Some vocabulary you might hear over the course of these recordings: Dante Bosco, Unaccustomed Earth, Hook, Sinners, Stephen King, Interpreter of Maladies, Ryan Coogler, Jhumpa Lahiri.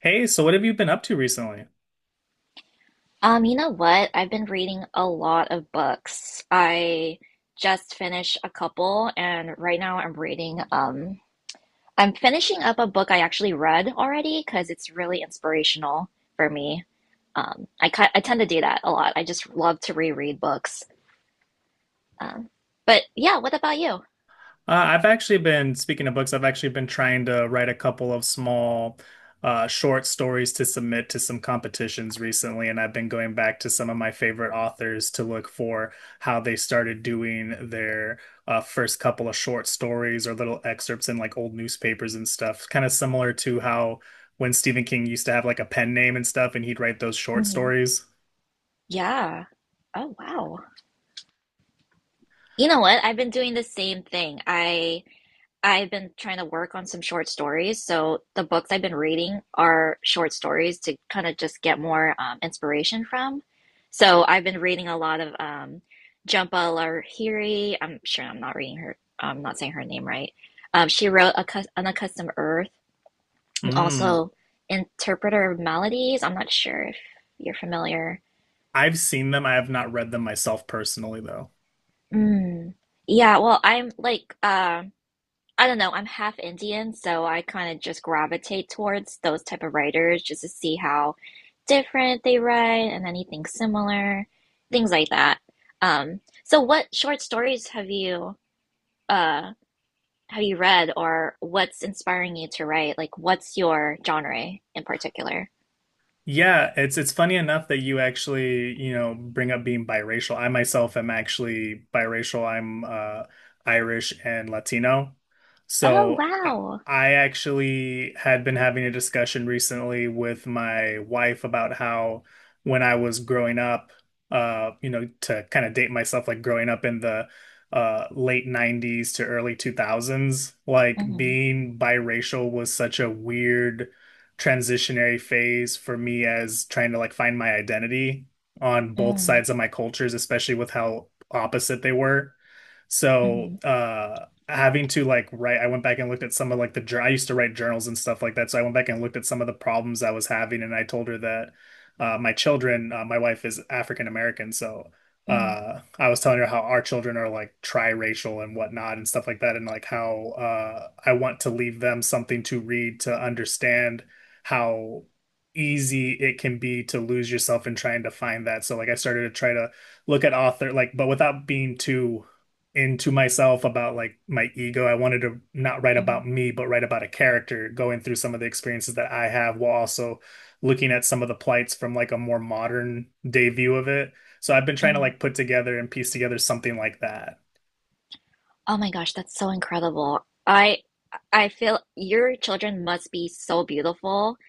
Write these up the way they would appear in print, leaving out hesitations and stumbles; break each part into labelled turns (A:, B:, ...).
A: Hey, so what have you been up to recently?
B: You know what? I've been reading a lot of books. I just finished a couple, and right now I'm reading, I'm finishing up a book I actually read already because it's really inspirational for me. I tend to do that a lot. I just love to reread books. Um, but yeah, what about you?
A: I've actually been, speaking of books, I've actually been trying to write a couple of small, short stories to submit to some competitions recently, and I've been going back to some of my favorite authors to look for how they started doing their first couple of short stories or little excerpts in like old newspapers and stuff. Kind of similar to how when Stephen King used to have like a pen name and stuff, and he'd write those short
B: Hmm.
A: stories.
B: Yeah. Oh, wow. You know what? I've been doing the same thing. I've been trying to work on some short stories. So the books I've been reading are short stories to kind of just get more inspiration from. So I've been reading a lot of Jhumpa Lahiri. I'm sure I'm not reading her. I'm not saying her name right. She wrote a Unaccustomed Earth and
A: Mm.
B: also Interpreter of Maladies*. I'm not sure if you're familiar.
A: I've seen them. I have not read them myself personally, though.
B: Mm. Yeah, well, I'm like, I don't know. I'm half Indian, so I kind of just gravitate towards those type of writers just to see how different they write and anything similar, things like that. So what short stories have you uh have you read or what's inspiring you to write? Like what's your genre in particular?
A: Yeah, it's funny enough that you actually, you know, bring up being biracial. I myself am actually biracial. I'm Irish and Latino.
B: Oh,
A: So I,
B: wow.
A: I actually had been having a discussion recently with my wife about how when I was growing up, to kind of date myself, like growing up in the late 90s to early 2000s, like
B: Mm-hmm,
A: being biracial was such a weird transitionary phase for me as trying to like find my identity on both
B: mm-hmm,
A: sides of my cultures, especially with how opposite they were. So,
B: mm-hmm,
A: having to like write, I went back and looked at some of like I used to write journals and stuff like that. So I went back and looked at some of the problems I was having, and I told her that my children, my wife is African American, so
B: mm-hmm,
A: I was telling her how our children are like tri-racial and whatnot and stuff like that, and like how I want to leave them something to read to understand how easy it can be to lose yourself in trying to find that. So like I started to try to look at author like, but without being too into myself about like my ego. I wanted to not write
B: mm-hmm.
A: about me, but write about a character going through some of the experiences that I have, while also looking at some of the plights from like a more modern day view of it. So I've been trying to like put together and piece together something like that.
B: Oh my gosh, that's so incredible. I I feel your children must be so beautiful.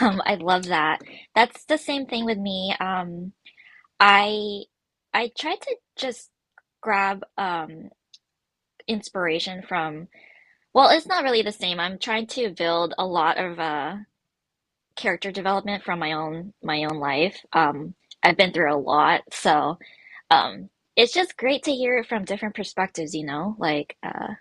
B: I love that. That's the same thing with me. I I try to just grab inspiration from, well, it's not really the same. I'm trying to build a lot of character development from my own life. I've been through a lot, so um it's just great to hear it from different perspectives, you know? Like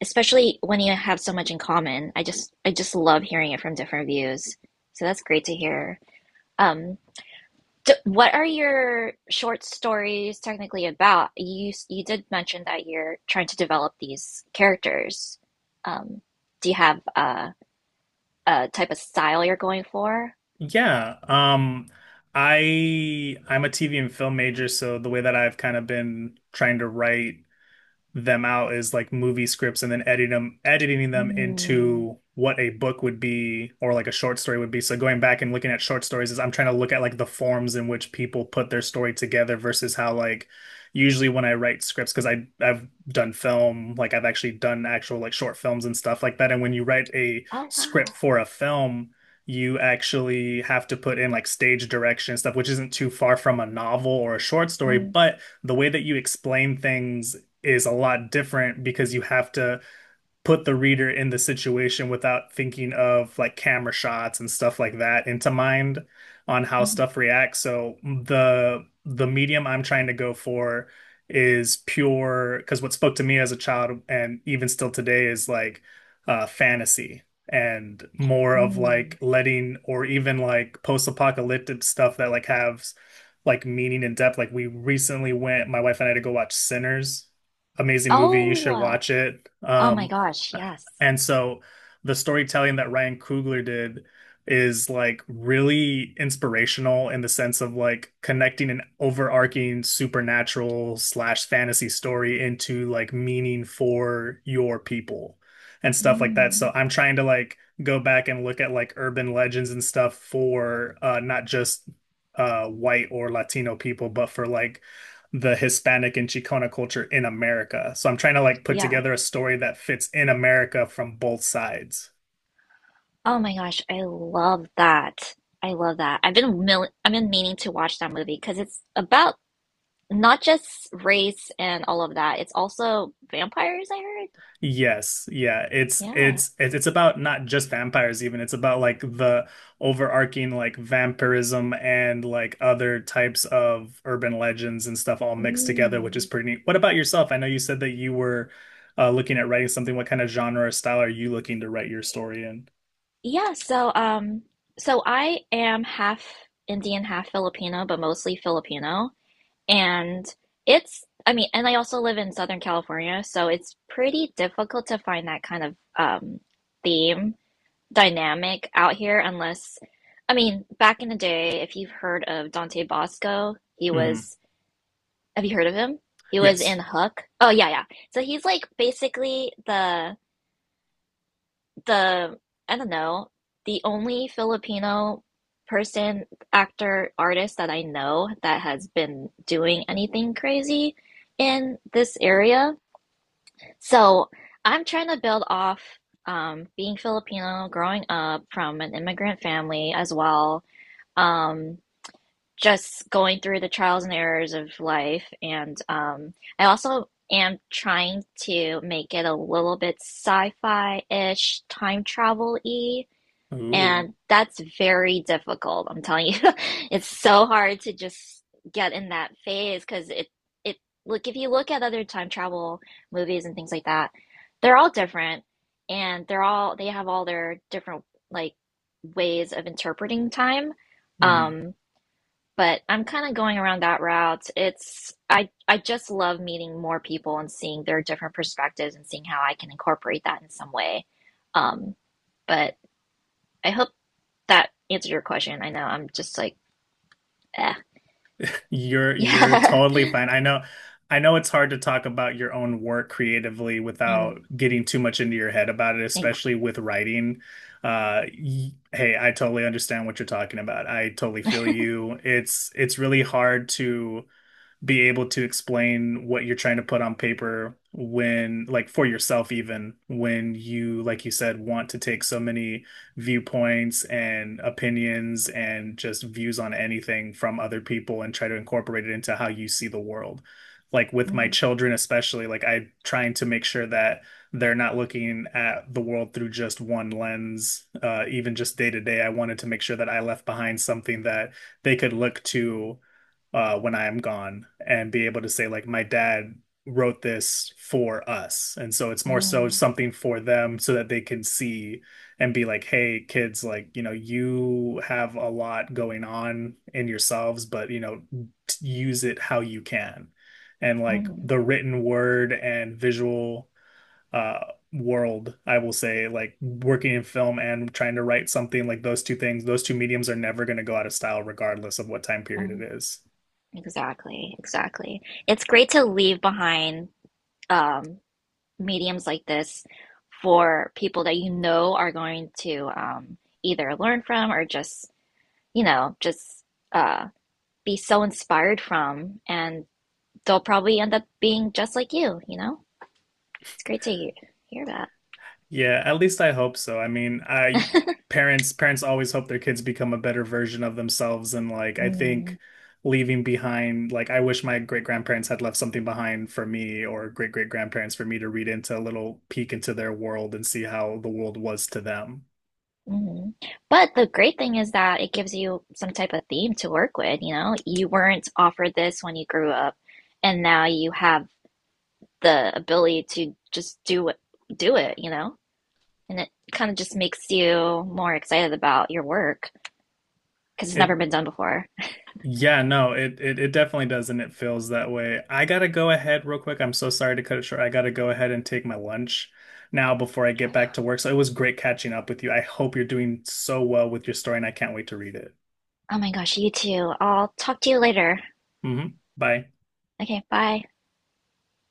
B: especially when you have so much in common. I just love hearing it from different views. So that's great to hear. Um, d What are your short stories technically about? You did mention that you're trying to develop these characters. Um, do you have a type of style you're going for?
A: Yeah, I'm a TV and film major, so the way that I've kind of been trying to write them out as like movie scripts, and then editing them
B: Mm.
A: into what a book would be or like a short story would be. So going back and looking at short stories is, I'm trying to look at like the forms in which people put their story together versus how, like, usually when I write scripts, because I've done film, like I've actually done actual, like, short films and stuff like that. And when you write a
B: Oh wow.
A: script for a film, you actually have to put in like stage direction and stuff, which isn't too far from a novel or a short story,
B: Mm,
A: but the way that you explain things is a lot different, because you have to put the reader in the situation without thinking of like camera shots and stuff like that into mind, on how
B: mm,
A: stuff reacts. So the medium I'm trying to go for is pure, because what spoke to me as a child and even still today is like fantasy and more of like
B: mm.
A: letting, or even like post-apocalyptic stuff that like have like meaning and depth. Like, we recently went, my wife and I, to go watch Sinners, amazing movie. You
B: Oh,
A: should watch it.
B: oh my gosh, yes.
A: And so the storytelling that Ryan Coogler did is like really inspirational in the sense of like connecting an overarching supernatural slash fantasy story into like meaning for your people and stuff like that. So
B: Mm,
A: I'm trying to like go back and look at like urban legends and stuff for not just white or Latino people, but for like the Hispanic and Chicana culture in America. So I'm trying to like put
B: yeah.
A: together a story that fits in America from both sides.
B: Oh my gosh, I love that. I love that. I've been meaning to watch that movie because it's about not just race and all of that. It's also vampires, I heard.
A: Yes, yeah, it's
B: Yeah.
A: it's it's it's about not just vampires even. It's about like the overarching like vampirism and like other types of urban legends and stuff all mixed together, which is
B: Mm.
A: pretty neat. What about yourself? I know you said that you were looking at writing something. What kind of genre or style are you looking to write your story in?
B: Yeah, so, so I am half Indian, half Filipino, but mostly Filipino. And it's I mean, and I also live in Southern California, so it's pretty difficult to find that kind of theme dynamic out here unless I mean, back in the day, if you've heard of Dante Bosco, he
A: Hmm.
B: was have you heard of him? He was
A: Yes.
B: in Hook. Oh yeah, yeah. So he's like basically the, I don't know, the only Filipino person, actor, artist that I know that has been doing anything crazy in this area. So I'm trying to build off being Filipino, growing up from an immigrant family as well um, just going through the trials and errors of life. And I also am trying to make it a little bit sci-fi-ish, time travel-y,
A: Ooh.
B: and that's very difficult. I'm telling you, it's so hard to just get in that phase because it, look if you look at other time travel movies and things like that, they're all different and they have all their different like ways of interpreting time.
A: Mm-hmm.
B: Um, but I'm kind of going around that route. It's I just love meeting more people and seeing their different perspectives and seeing how I can incorporate that in some way. Um, but I hope that answered your question. I know I'm just like, eh,
A: You're you're
B: yeah,
A: totally fine. I know it's hard to talk about your own work creatively
B: mm,
A: without getting too much into your head about it,
B: ex-
A: especially with writing. Hey, I totally understand what you're talking about. I totally feel you. It's really hard to be able to explain what you're trying to put on paper, when like, for yourself, even when you, like you said, want to take so many viewpoints and opinions and just views on anything from other people and try to incorporate it into how you see the world. Like with my
B: mm,
A: children especially, like, I am trying to make sure that they're not looking at the world through just one lens, even just day to day. I wanted to make sure that I left behind something that they could look to when I am gone, and be able to say, like, my dad wrote this for us. And so it's more so
B: mm,
A: something for them, so that they can see and be like, hey, kids, like, you have a lot going on in yourselves, but, use it how you can. And like
B: mm,
A: the written word and visual, uh, world, I will say, like working in film and trying to write something, like those two things, those two mediums are never going to go out of style, regardless of what time period
B: mm.
A: it is.
B: Exactly, exactly. It's great to leave behind um, mediums like this for people that you know are going to either learn from or just you know, just uh, be so inspired from, and they'll probably end up being just like you know? It's great to hear, hear that.
A: Yeah, at least I hope so. I mean, I parents parents always hope their kids become a better version of themselves, and like I
B: Hmm.
A: think leaving behind, like, I wish my great grandparents had left something behind for me, or great great grandparents, for me to read, into a little peek into their world, and see how the world was to them.
B: Hmm. But the great thing is that it gives you some type of theme to work with, you know? You weren't offered this when you grew up, and now you have the ability to just do it, you know? And it kind of just makes you more excited about your work because it's
A: It
B: never been done before.
A: Yeah, no, it definitely does, and it feels that way. I gotta go ahead real quick. I'm so sorry to cut it short. I gotta go ahead and take my lunch now before I get back to work. So it was great catching up with you. I hope you're doing so well with your story, and I can't wait to read it.
B: Oh my gosh, you too. I'll talk to you later.
A: Hmm. Bye.
B: Okay, bye.